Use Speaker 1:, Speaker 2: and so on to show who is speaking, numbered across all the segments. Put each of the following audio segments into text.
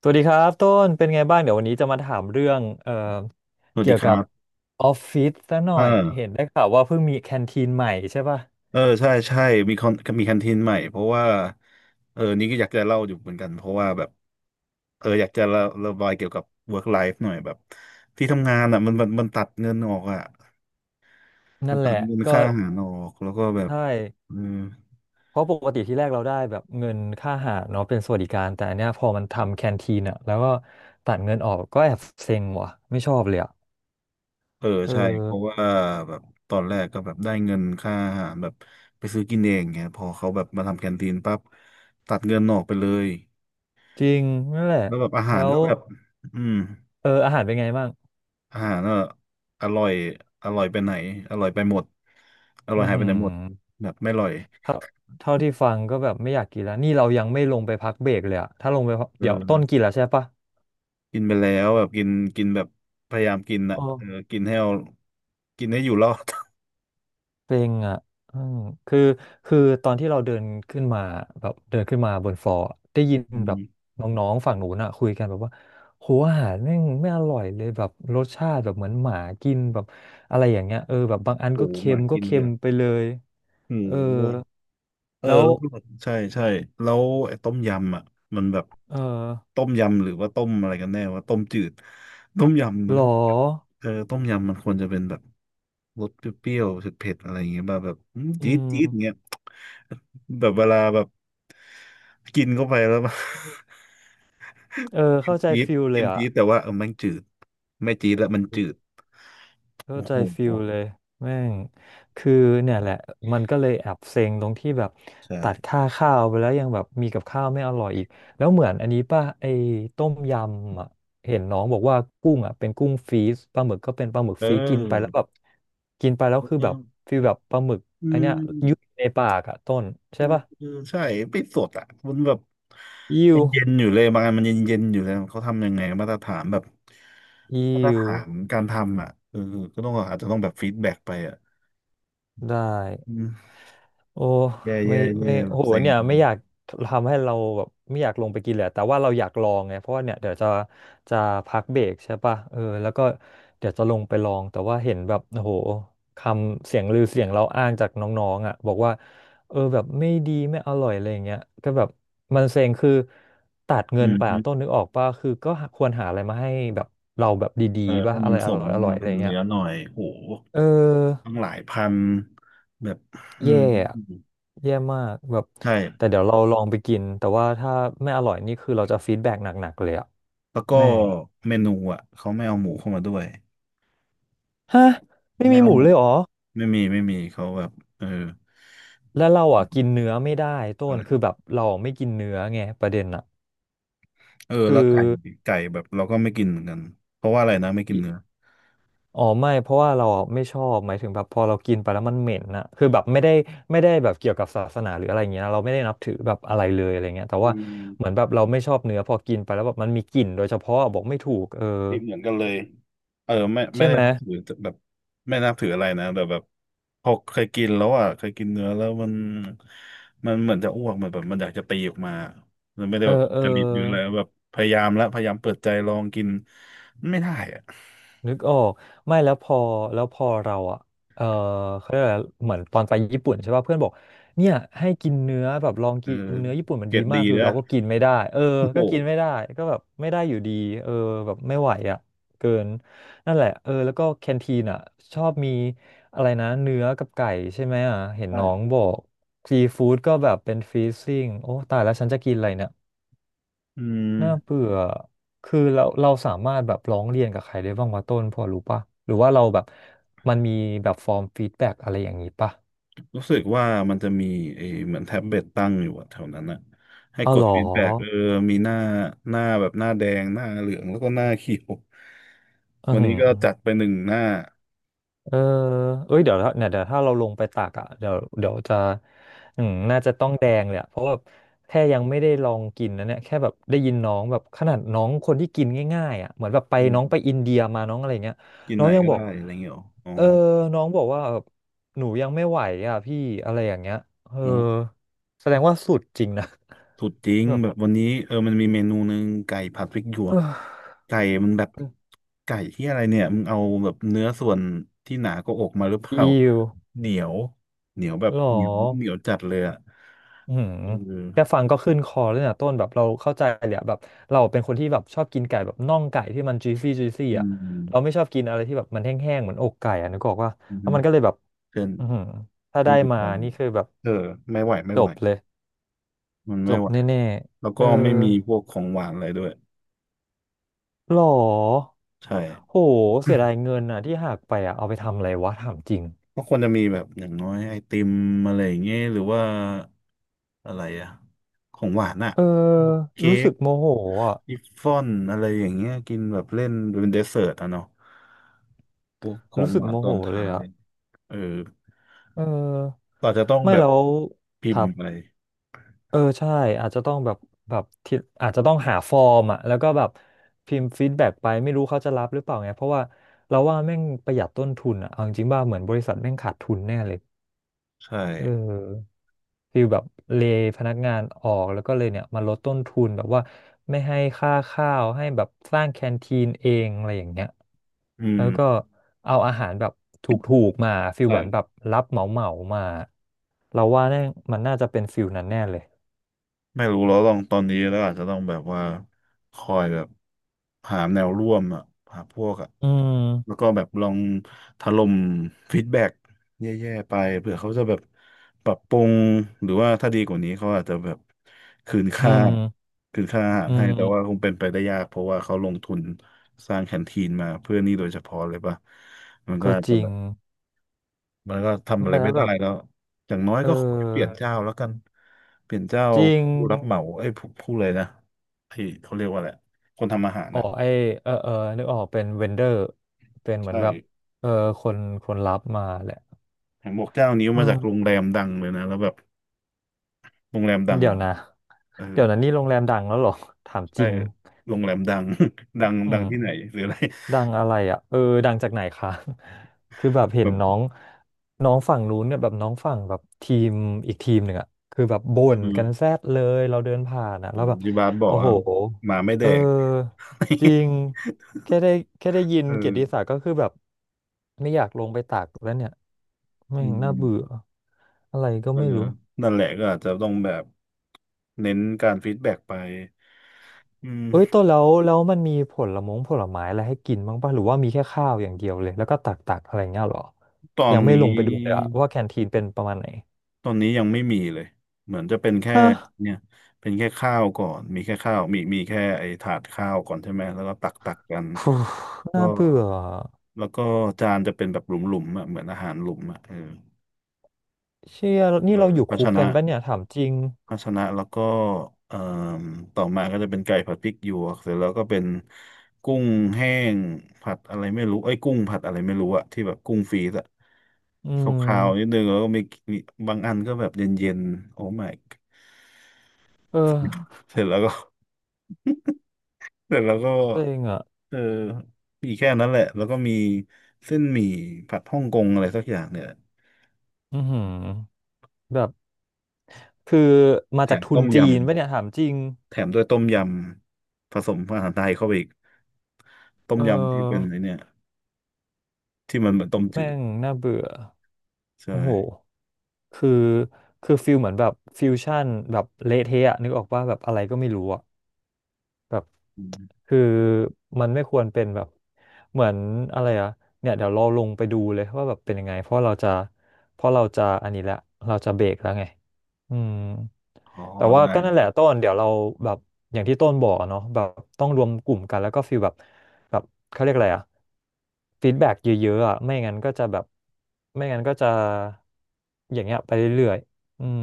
Speaker 1: สวัสดีครับต้นเป็นไงบ้างเดี๋ยววันนี้จะมาถามเรื่อง
Speaker 2: สวัส
Speaker 1: เกี่
Speaker 2: ดี
Speaker 1: ยว
Speaker 2: ค
Speaker 1: กั
Speaker 2: รั
Speaker 1: บ
Speaker 2: บ
Speaker 1: ออฟฟิศซะหน่อ
Speaker 2: เออ
Speaker 1: ยเห็นได้ข่าวว่าเพิ่งมีแคนทีนใหม่ใช่ป่ะ
Speaker 2: เออใช่ใช่มีคอนมีแคนทีนใหม่เพราะว่านี่ก็อยากจะเล่าอยู่เหมือนกันเพราะว่าแบบอยากจะระบายเกี่ยวกับ work life หน่อยแบบที่ทำงานอ่ะมันตัดเงินออกอ่ะมั
Speaker 1: นั่
Speaker 2: น
Speaker 1: นแห
Speaker 2: ตัด
Speaker 1: ละ
Speaker 2: เงิน
Speaker 1: ก็
Speaker 2: ค่าอาหารออกแล้วก็แบ
Speaker 1: ใช
Speaker 2: บ
Speaker 1: ่
Speaker 2: เออ
Speaker 1: เพราะปกติที่แรกเราได้แบบเงินค่าอาหารเนาะเป็นสวัสดิการแต่อันเนี้ยพอมันทำแคนทีนอ่ะแล้วก็ตัดเงินออกก็แอบเซ็งว่ะไม่ชอบเลยอ่ะ
Speaker 2: เออ
Speaker 1: เออ
Speaker 2: ใช่เพราะว่าแบบตอนแรกก็แบบได้เงินค่าอาหารแบบไปซื้อกินเองเงี้ยพอเขาแบบมาทำแคนทีนปั๊บตัดเงินออกไปเลย
Speaker 1: จริงนั่นแหละ
Speaker 2: แล้วแบบ
Speaker 1: แล้ว
Speaker 2: อืม
Speaker 1: เอออาหารเป็นไงบ้าง
Speaker 2: อาหารก็อร่อยอร่อยไปไหนอร่อยไปหมดอร่อย
Speaker 1: อือ
Speaker 2: หายไป
Speaker 1: หื
Speaker 2: ไห
Speaker 1: อ
Speaker 2: นหมดแบบไม่อร่อย
Speaker 1: เท่าเท่าที่ฟังก็แบบไม่อยากกินแล้วนี่เรายังไม่ลงไปพักเบรกเลยอะถ้าลงไปพัก
Speaker 2: เอ
Speaker 1: เดี๋ยวต้น
Speaker 2: อ
Speaker 1: กินแล้วใช่ปะ
Speaker 2: กินไปแล้วแบบกินกินแบบพยายามกินอ่ะ
Speaker 1: อ๋อ
Speaker 2: เออกินให้อยู่รอด
Speaker 1: เป็นอะอืมคือคือตอนที่เราเดินขึ้นมาแบบเดินขึ้นมาบนฟลอร์อะได้ยิน
Speaker 2: อื
Speaker 1: แบ
Speaker 2: ม
Speaker 1: บน้องๆฝั่งหนูนอะคุยกันแบบว่าโหอาหารแม่งไม่อร่อยเลยแบบรสชาติแบบเหมือนหมากินแบบอะไรอย่างเงี้ยเออแบบบางอัน
Speaker 2: โอ้
Speaker 1: ก็
Speaker 2: โหห
Speaker 1: เค็
Speaker 2: มา
Speaker 1: มก็
Speaker 2: กิน
Speaker 1: เค็
Speaker 2: เล
Speaker 1: ม
Speaker 2: ย
Speaker 1: ไปเลย
Speaker 2: โอ้
Speaker 1: เออ
Speaker 2: โห
Speaker 1: แล้ว
Speaker 2: แล้วก็ใช่ใช่แล้วไอ้ต้มยำอ่ะมันแบบ
Speaker 1: เออ
Speaker 2: ต้มยำหรือว่าต้มอะไรกันแน่ว่าต้มจืดต้มยำมั
Speaker 1: หร
Speaker 2: นก็
Speaker 1: อ
Speaker 2: ต้มยำมันควรจะเป็นแบบรสเปรี้ยวๆเผ็ดๆอะไรอย่างเงี้ยแบบ
Speaker 1: อื
Speaker 2: จี๊ด
Speaker 1: ม
Speaker 2: จี๊ดเงี้ย แบบเวลาแบบกินเข้าไปแล้ว ม
Speaker 1: เออ
Speaker 2: ัน
Speaker 1: เข้าใจ
Speaker 2: จิ้มจี๊ด
Speaker 1: ฟิลเล
Speaker 2: จิ้
Speaker 1: ย
Speaker 2: ม
Speaker 1: อ่ะ
Speaker 2: จี๊ดแต่ว่ามันจืดไม่จี๊ดแล้วมันจืด
Speaker 1: เข้า
Speaker 2: โอ้
Speaker 1: ใจ
Speaker 2: โห
Speaker 1: ฟิลเลยแม่งคือเนี่ยแหละมันก็เลยแอบเซ็งตรงที่แบบ
Speaker 2: ใช่
Speaker 1: ตัดค่าข้าวไปแล้วยังแบบมีกับข้าวไม่อร่อยอีกแล้วเหมือนอันนี้ป่ะไอ้ต้มยำอ่ะเห็นน้องบอกว่ากุ้งอ่ะเป็นกุ้งฟรีซปลาหมึกก็เป็นปลาหมึก
Speaker 2: เ
Speaker 1: ฟรีซกินไปแล้ว
Speaker 2: ออ
Speaker 1: แบบกินไปแล้วคือ
Speaker 2: เออ
Speaker 1: แบบฟีลแบบปลาหมึก
Speaker 2: อื
Speaker 1: อันเนี้ยยุ่ย
Speaker 2: ม
Speaker 1: ในปากอ่ะต้น
Speaker 2: เอ
Speaker 1: ใช่
Speaker 2: อ
Speaker 1: ป่ะ
Speaker 2: เออใช่ไม่สดอ่ะมันแบบ
Speaker 1: อิ
Speaker 2: มั
Speaker 1: ว
Speaker 2: นเย็นอยู่เลยบางอันมันเย็นเย็นอยู่เลยเขาทำยังไง
Speaker 1: อิ
Speaker 2: มาตร
Speaker 1: ว
Speaker 2: ฐานการทำอ่ะเออก็ต้องอาจจะต้องแบบฟีดแบ็กไปอ่ะ
Speaker 1: ได้
Speaker 2: อืม
Speaker 1: โอ้
Speaker 2: แย่
Speaker 1: ไม่
Speaker 2: แย่แย่
Speaker 1: ไม่
Speaker 2: แบ
Speaker 1: โอ้
Speaker 2: บ
Speaker 1: โห
Speaker 2: เซ็ง
Speaker 1: เนี่ยไม่อยากทำให้เราแบบไม่อยากลงไปกินเลยอะแต่ว่าเราอยากลองไงเพราะว่าเนี่ยเดี๋ยวจะจะพักเบรกใช่ป่ะเออแล้วก็เดี๋ยวจะลงไปลองแต่ว่าเห็นแบบโอ้โหคำเสียงลือเสียงเราอ้างจากน้องๆอ่ะบอกว่าเออแบบไม่ดีไม่อร่อยอะไรอย่างเงี้ยก็แบบมันเซ็งคือตัด
Speaker 2: อื
Speaker 1: เงิน
Speaker 2: ม
Speaker 1: ไป
Speaker 2: ฮึ
Speaker 1: อะต้นนึกออกป่ะคือก็ควรหาอะไรมาให้แบบเราแบบดี
Speaker 2: เออ
Speaker 1: ๆป่ะ
Speaker 2: ให้
Speaker 1: อะ
Speaker 2: มั
Speaker 1: ไร
Speaker 2: น
Speaker 1: อ
Speaker 2: ส
Speaker 1: ร่
Speaker 2: ม
Speaker 1: อยอร่
Speaker 2: งา
Speaker 1: อย
Speaker 2: น
Speaker 1: อะ
Speaker 2: คุ
Speaker 1: ไรอ
Speaker 2: ณ
Speaker 1: ย่างเงี้
Speaker 2: เนื้
Speaker 1: ย
Speaker 2: อหน่อยโห
Speaker 1: เออ
Speaker 2: ต้งหลายพันแบบอื
Speaker 1: แย่
Speaker 2: ม
Speaker 1: อะแย่มากแบบแต่
Speaker 2: ใช่
Speaker 1: เดี๋ยวเราลองไปกินแต่ว่าถ้าไม่อร่อยนี่คือเราจะฟีดแบ็กหนักๆเลยอะ
Speaker 2: แล้วก็
Speaker 1: แม่ง
Speaker 2: เมนูอ่ะเขาไม่เอาหมูเข้ามาด้วย
Speaker 1: ฮะไม่
Speaker 2: ไม่
Speaker 1: มีห
Speaker 2: เอา
Speaker 1: มู
Speaker 2: หมู
Speaker 1: เลยเหรอ
Speaker 2: ไม่มีไม่มีเขาแบบเออ
Speaker 1: แล้วเราอ่ะกินเนื้อไม่ได้ต้
Speaker 2: อะ
Speaker 1: น
Speaker 2: ไร
Speaker 1: คือแบบเราไม่กินเนื้อไงประเด็นอ่ะ
Speaker 2: แล้
Speaker 1: คื
Speaker 2: ว
Speaker 1: อ
Speaker 2: ไก่แบบเราก็ไม่กินเหมือนกันเพราะว่าอะไรนะไม่กิ
Speaker 1: อิ
Speaker 2: นเนื้อ
Speaker 1: อ๋อไม่เพราะว่าเราอะไม่ชอบหมายถึงแบบพอเรากินไปแล้วมันเหม็นน่ะคือแบบไม่ได้ไม่ได้แบบเกี่ยวกับศาสนาหรืออะไรเงี้ยนะเราไม่ได้นับถือแบบอะไรเลยอะไรเงี้ยแต่
Speaker 2: อื
Speaker 1: ว่าเหมือน
Speaker 2: ม
Speaker 1: แบบเราไม่ชอบเนื้อพอกินไปแล้วแบบมันมีกลิ่นโดยเฉพาะบอกไม่ถูกเออ
Speaker 2: นี่เหมือนกันเลย เออไม่ไม่
Speaker 1: ใช่
Speaker 2: ได้
Speaker 1: ไหม
Speaker 2: นับถือแบบไม่นับถืออะไรนะแต่แบบพอเคยกินแล้วอ่ะเคยกินเนื้อแล้วมันเหมือนจะอ้วกเหมือนแบบมันอยากจะตีออกมามันไม่ได้
Speaker 1: เออ
Speaker 2: แบบ
Speaker 1: เออ
Speaker 2: จริตหรืออะไรแบบพยายามแล้วพยายามเปิดใจลองกินมันไม่ได้อ่ะ
Speaker 1: นึกออกไม่แล้วพอแล้วพอเราอ่ะเออเขาเรียกอะไรเหมือนตอนไปญี่ปุ่นใช่ป่ะเพื่อนบอกเนี่ยให้กินเนื้อแบบลอง
Speaker 2: เออ
Speaker 1: กินเนื้อญี่ปุ่นมัน
Speaker 2: เก็
Speaker 1: ดี
Speaker 2: บดี
Speaker 1: มากคือ
Speaker 2: นะ
Speaker 1: เราก็กินไม่ได้เออ
Speaker 2: โอ้โห
Speaker 1: ก็กินไม่ได้ก็แบบไม่ได้อยู่ดีเออแบบไม่ไหวอ่ะเกินนั่นแหละเออแล้วก็แคนทีนอ่ะชอบมีอะไรนะเนื้อกับไก่ใช่ไหมอ่ะเห็น
Speaker 2: ใช่
Speaker 1: น้องบอกซีฟู้ดก็แบบเป็นฟรีซิ่งโอ้ตายแล้วฉันจะกินอะไรเนี่ย
Speaker 2: อื
Speaker 1: น่า
Speaker 2: ม
Speaker 1: เบื่อคือเราเราสามารถแบบร้องเรียนกับใครได้บ้างวะต้นพอรู้ปะหรือว่าเราแบบมันมีแบบฟอร์มฟีดแบ็กอะไรอย่างนี้ปะ
Speaker 2: รู้สึกว่ามันจะมีเหมือนแท็บเล็ตตั้งอยู่อะแถวนั้นอะให้
Speaker 1: อ๋อ
Speaker 2: ก
Speaker 1: เห
Speaker 2: ด
Speaker 1: รอ
Speaker 2: ฟีดแบ็กมีหน้าแดงหน้าเหลืองแล้วก็หน้าเขียว
Speaker 1: อือ
Speaker 2: วัน
Speaker 1: หื
Speaker 2: นี้
Speaker 1: อ
Speaker 2: ก็จัดไปหนึ่งหน้า
Speaker 1: เออเอ้ยเดี๋ยวถ้าเนี่ยเดี๋ยวถ้าเราลงไปตักอ่ะเดี๋ยวเดี๋ยวจะอืมน่าจะต้องแดงเลยอะเพราะว่าแค่ยังไม่ได้ลองกินนะเนี่ยแค่แบบได้ยินน้องแบบขนาดน้องคนที่กินง่ายๆอ่ะเหมือนแบบไป
Speaker 2: อื
Speaker 1: น้องไป
Speaker 2: ม
Speaker 1: อินเดียมาน้องอะไรเงี้ย
Speaker 2: กิน
Speaker 1: น้อ
Speaker 2: ไหน
Speaker 1: งยัง
Speaker 2: ก็
Speaker 1: บอก
Speaker 2: ได้อะไรเงี้ยหรออ๋อ
Speaker 1: เออน้องบอกว่าแบบหนูยังไม่ไหวอ่ะพี่อะไรอย่างเงี้ยเออ
Speaker 2: อืม
Speaker 1: แสดงว่าสุดจริงนะ
Speaker 2: สุดจริง
Speaker 1: แบบ
Speaker 2: แบบวันนี้มันมีเมนูหนึ่งไก่ผัดพริกหยวก
Speaker 1: เออ
Speaker 2: ไก่มันแบบไก่ที่อะไรเนี่ยมึงเอาแบบเนื้อส่วนที่หนากว่าอกมาหรือเป
Speaker 1: อิ
Speaker 2: ล่า
Speaker 1: ว
Speaker 2: เหนียวเหนียวแบ
Speaker 1: ห
Speaker 2: บ
Speaker 1: รอ
Speaker 2: เหนียวเหนียวจัดเลยอะ
Speaker 1: อืม
Speaker 2: เอ
Speaker 1: แค่
Speaker 2: อ
Speaker 1: ฟังก็ขึ้นคอแล้วเนี่ยต้นแบบเราเข้าใจเลยอะแบบเราเป็นคนที่แบบชอบกินไก่แบบน่องไก่ที่มัน juicy juicy
Speaker 2: อื
Speaker 1: อ่ะ
Speaker 2: ม
Speaker 1: เราไม่ชอบกินอะไรที่แบบมันแห้งๆเหมือนอกไก่อ่ะนึกออกว่า
Speaker 2: อื
Speaker 1: แล้ว
Speaker 2: ม
Speaker 1: มันก็เลยแบบ
Speaker 2: เส้น
Speaker 1: อืมถ้า
Speaker 2: เส้น
Speaker 1: ได้
Speaker 2: บิด
Speaker 1: มา
Speaker 2: บาง
Speaker 1: นี่คือแบบ
Speaker 2: เออไม่ไหวไม่
Speaker 1: จ
Speaker 2: ไหว
Speaker 1: บเลย
Speaker 2: มัน
Speaker 1: จ
Speaker 2: ไม่
Speaker 1: บ
Speaker 2: ไหว
Speaker 1: แน่
Speaker 2: แล้ว
Speaker 1: ๆเอ
Speaker 2: ก็
Speaker 1: อ
Speaker 2: ไม่มีพวกของหวานอะไรด้วย
Speaker 1: หรอ
Speaker 2: ใช่
Speaker 1: โหเสียดาย เงินอ่ะที่หักไปอ่ะเอาไปทำอะไรวะถามจริง
Speaker 2: ก็ควรจะมีแบบอย่างน้อยไอติมอะไรอย่างเงี้ยหรือว่าอะไรอะของหวานอะ
Speaker 1: เออ
Speaker 2: พวกเค้
Speaker 1: รู้สึ
Speaker 2: ก
Speaker 1: กโมโหอ่ะ
Speaker 2: วิฟฟ่อนอะไรอย่างเงี้ยกินแบบเล่นเป็นเดสเซอร์ตอะเนาะพวกของ
Speaker 1: รู้สึ
Speaker 2: ห
Speaker 1: ก
Speaker 2: วาน
Speaker 1: โม
Speaker 2: ตอ
Speaker 1: โห
Speaker 2: น
Speaker 1: เล
Speaker 2: ท้า
Speaker 1: ย
Speaker 2: ย
Speaker 1: อ่ะ
Speaker 2: เออ
Speaker 1: เออ
Speaker 2: เราจจะต้อง
Speaker 1: ไม่
Speaker 2: แบบ
Speaker 1: แล้ว
Speaker 2: พิ
Speaker 1: ค
Speaker 2: ม
Speaker 1: รั
Speaker 2: พ์
Speaker 1: บ
Speaker 2: ไป
Speaker 1: เออใช่อาจจะต้องแบบแบบที่อาจจะต้องหาฟอร์มอ่ะแล้วก็แบบพิมพ์ฟีดแบ็กไปไม่รู้เขาจะรับหรือเปล่าไงเพราะว่าเราว่าแม่งประหยัดต้นทุนอ่ะเอาจริงๆว่าเหมือนบริษัทแม่งขาดทุนแน่เลย
Speaker 2: ใช่
Speaker 1: เออฟีลแบบเลย์พนักงานออกแล้วก็เลยเนี่ยมาลดต้นทุนแบบว่าไม่ให้ค่าข้าวให้แบบสร้างแคนทีนเองอะไรอย่างเงี้ย
Speaker 2: อื
Speaker 1: แล้วก็
Speaker 2: ม
Speaker 1: เอาอาหารแบบถูกๆมาฟิลเหมือนแบบ
Speaker 2: ใช่
Speaker 1: รับเหมาเหมามาเราว่าแน่งมันน่าจะเป็นฟิลนั้นแน่เลย
Speaker 2: ไม่รู้แล้วลองตอนนี้แล้วอาจจะต้องแบบว่าคอยแบบหาแนวร่วมอ่ะหาพวกอ่ะ
Speaker 1: อื
Speaker 2: แล้ว
Speaker 1: ม
Speaker 2: ก็แบบลองถล่มฟีดแบ็กแย่ๆไปเผื่อเขาจะแบบปรับปรุงหรือว่าถ้าดีกว่านี้เขาอาจจะแบบคืน
Speaker 1: อื
Speaker 2: ค่า
Speaker 1: ม
Speaker 2: คืนค่าอาหาร
Speaker 1: อื
Speaker 2: ให้แต่ว่าคง
Speaker 1: ม
Speaker 2: เป็นไปได้ยากเพราะว่าเขาลงทุนสร้างแคนทีนมาเพื่อนี่โดยเฉพาะเลยป่ะมันก็
Speaker 1: ก็
Speaker 2: อาจ
Speaker 1: จ
Speaker 2: จะ
Speaker 1: ริ
Speaker 2: แบ
Speaker 1: ง
Speaker 2: บ มันก็ทำอะไร
Speaker 1: ไม่แล้
Speaker 2: ไม่
Speaker 1: ว
Speaker 2: ได้
Speaker 1: แบบ
Speaker 2: แล้วอย่างน้อย
Speaker 1: เ
Speaker 2: ก็ขอให้เปลี่ยน
Speaker 1: ออ
Speaker 2: เจ้าแล้วกันเปลี่ยนเจ้า
Speaker 1: จริง
Speaker 2: ผู้รับเหมาเอ้ยผู้เลยนะไอ้เขาเรียกว่าอะไรคนทำอาหาร
Speaker 1: อ๋อ
Speaker 2: น่ะ
Speaker 1: ไอเออเออนึกออกเป็นเวนเดอร์เป็นเหมือ
Speaker 2: ใช่
Speaker 1: นแบบเออคนรับมาแหละ
Speaker 2: เห็นบอกเจ้านี้
Speaker 1: เอ
Speaker 2: มาจาก
Speaker 1: อ
Speaker 2: โรงแรมดังเลยนะแล้วแบบโรงแรมดัง
Speaker 1: เดี๋ยว
Speaker 2: อะ
Speaker 1: นะ
Speaker 2: เออ
Speaker 1: นี่โรงแรมดังแล้วเหรอถามจ
Speaker 2: ใช่
Speaker 1: ริง
Speaker 2: โรงแรมดัง ดัง
Speaker 1: อื
Speaker 2: ดัง
Speaker 1: ม
Speaker 2: ที่ไหนหรืออะไร
Speaker 1: ดังอะไรอ่ะเออดังจากไหนคะ คือแบบเห็น
Speaker 2: แบบ
Speaker 1: น้องน้องฝั่งนู้นเนี่ยแบบน้องฝั่งแบบทีมอีกทีมหนึ่งอ่ะคือแบบบ่
Speaker 2: อื
Speaker 1: นกันแซ
Speaker 2: ม
Speaker 1: ดเลยเราเดินผ่านอ่ะแล้วแบบ
Speaker 2: ที่บ้านบอก
Speaker 1: โอ้โห
Speaker 2: อ่ะหมาไม่แด
Speaker 1: เออ
Speaker 2: ก
Speaker 1: จริง แค่ได้แค่ได้ยิน
Speaker 2: เออ
Speaker 1: เกียรติศักดิ์ก็คือแบบไม่อยากลงไปตักแล้วเนี่ยไม่
Speaker 2: อื
Speaker 1: งน่าเบื่อ
Speaker 2: ม
Speaker 1: อะไรก็
Speaker 2: เออ
Speaker 1: ไม่รู้
Speaker 2: นั่นแหละก็อาจจะต้องแบบเน้นการฟีดแบ็กไปอืม
Speaker 1: เอ้ยต้นแล้วมันมีผลมงผลไม้อะไรให้กินบ้างป่ะหรือว่ามีแค่ข้าวอย่างเดียวเลยแล้วก็ตักอะไรเงี้ยเหรอ
Speaker 2: ตอ
Speaker 1: ยั
Speaker 2: น
Speaker 1: งไม่ลง
Speaker 2: นี้
Speaker 1: ไปดูเลยอะว่าแคนทีนเป็นประมาณไหน
Speaker 2: ยังไม่มีเลยเหมือนจะเป็นแค่
Speaker 1: ฮะ
Speaker 2: เนี่ยเป็นแค่ข้าวก่อนมีแค่ข้าวมีแค่ไอ้ถาดข้าวก่อนใช่ไหมแล้วก็ตักตักกัน
Speaker 1: ฟู
Speaker 2: ก็
Speaker 1: น่าเบื่อ
Speaker 2: แล้วก็จานจะเป็นแบบหลุมๆอ่ะเหมือนอาหารหลุมอ่ะเออ
Speaker 1: เชี่ย
Speaker 2: เอ
Speaker 1: นี่
Speaker 2: อ
Speaker 1: เราอยู่
Speaker 2: ภาช
Speaker 1: คุก
Speaker 2: นะ
Speaker 1: กันป่ะเนี่ยถามจริง
Speaker 2: พัชนะแล้วก็เอ่อต่อมาก็จะเป็นไก่ผัดพริกหยวกเสร็จแล้วก็เป็นกุ้งแห้งผัดอะไรไม่รู้ไอ้ยกุ้งผัดอะไรไม่รู้อะที่แบบกุ้งฟรีซอะ
Speaker 1: อื
Speaker 2: ขาวๆนิด
Speaker 1: ม
Speaker 2: นึงแล้วก็มีมีบางอันก็แบบเย็นๆโอ้ my god
Speaker 1: เออ
Speaker 2: เสร็จแล้วก็เสร็จแล้วก็
Speaker 1: เซ็งอะ
Speaker 2: เออมีแค่นั้นแหละแล้วก็มีเส้นหมี่ผัดฮ่องกงอะไรสักอย่างเนี่ยแหละ
Speaker 1: อือหือแบบคือมา
Speaker 2: แถ
Speaker 1: จาก
Speaker 2: ม
Speaker 1: ทุน
Speaker 2: ต้มย
Speaker 1: จีนป่ะเนี่ยถามจริง
Speaker 2: ำแถมด้วยต้มยำผสมอาหารไทยเข้าไปอีกต้
Speaker 1: เ
Speaker 2: มยำที่เป็น
Speaker 1: ออ
Speaker 2: ไอเนี่ยที่มันเหมือนต้มจื
Speaker 1: แม่
Speaker 2: ด
Speaker 1: งน่าเบื่อ
Speaker 2: ใช่
Speaker 1: โอ้โหคือคือฟิลเหมือนแบบฟิวชั่นแบบเละเทะอะนึกออกว่าแบบอะไรก็ไม่รู้อะ แบบ
Speaker 2: อืม
Speaker 1: คือมันไม่ควรเป็นแบบเหมือนอะไรอะเนี่ยเดี๋ยวเราลงไปดูเลยว่าแบบเป็นยังไงเพราะเราจะอันนี้แหละเราจะเบรกแล้วไงอืม
Speaker 2: อ๋อ
Speaker 1: แต่ว่า
Speaker 2: ได้
Speaker 1: ก็นั่นแหละต้นเดี๋ยวเราแบบอย่างที่ต้นบอกอะเนาะแบบต้องรวมกลุ่มกันแล้วก็ฟีลแบบแบบเขาเรียกอะไรอะฟีดแบ็กเยอะๆอะไม่งั้นก็จะอย่างเงี้ยไปเรื่อยๆอืม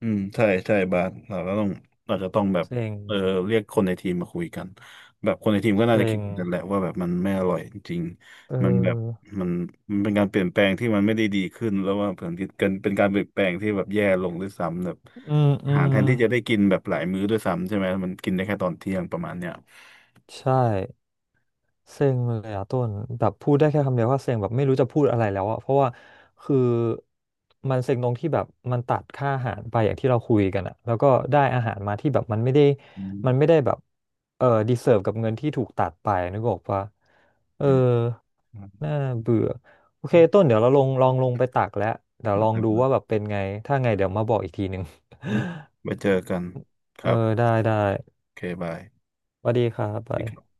Speaker 2: อืมใช่ใช่บาสเราจจะต้องแบบ
Speaker 1: เซ็ง
Speaker 2: เออเรียกคนในทีมมาคุยกันแบบคนในทีมก็น่าจะ
Speaker 1: เซ็
Speaker 2: คิด
Speaker 1: ง
Speaker 2: เหมือนกันแหละว่าแบบมันไม่อร่อยจริง
Speaker 1: เอ
Speaker 2: มันแบบ
Speaker 1: อ
Speaker 2: มันมันเป็นการเปลี่ยนแปลงที่มันไม่ได้ดีขึ้นแล้วว่าเผมือนกันเป็นการเปลี่ยนแปลงที่แบบแย่ลงด้วยซ้ำแบบ
Speaker 1: อืมอื
Speaker 2: อาหาร
Speaker 1: ม
Speaker 2: แทนที่จะได้กินแบบหลายมื้อด้วยซ้ำใช่ไหมมันกินได้แค่ตอนเที่ยงประมาณเนี้ย
Speaker 1: ใช่เซ็งเลยอะต้นแบบพูดได้แค่คำเดียวว่าเซ็งแบบไม่รู้จะพูดอะไรแล้วอะเพราะว่าคือมันเซ็งตรงที่แบบมันตัดค่าอาหารไปอย่างที่เราคุยกันอะแล้วก็ได้อาหารมาที่แบบมันไม่ได้
Speaker 2: อืม
Speaker 1: มันไม่ได้แบบเออดีเซิร์ฟกับเงินที่ถูกตัดไปนึกออกปะเออ
Speaker 2: นะครับ
Speaker 1: น่าเบื่อโอเค
Speaker 2: อืม
Speaker 1: ต้นเดี๋ยวเราลองลงไปตักแล้วเดี๋ยวลอง
Speaker 2: ได้
Speaker 1: ดู
Speaker 2: บาส
Speaker 1: ว่าแบบเป็นไงถ้าไงเดี๋ยวมาบอกอีกทีหนึ่ง
Speaker 2: อืมไว้เจอกันค
Speaker 1: เออ
Speaker 2: รับ
Speaker 1: ได้
Speaker 2: โอเคบาย
Speaker 1: สวัสดีครับ
Speaker 2: สวั
Speaker 1: ไป
Speaker 2: สดีครับ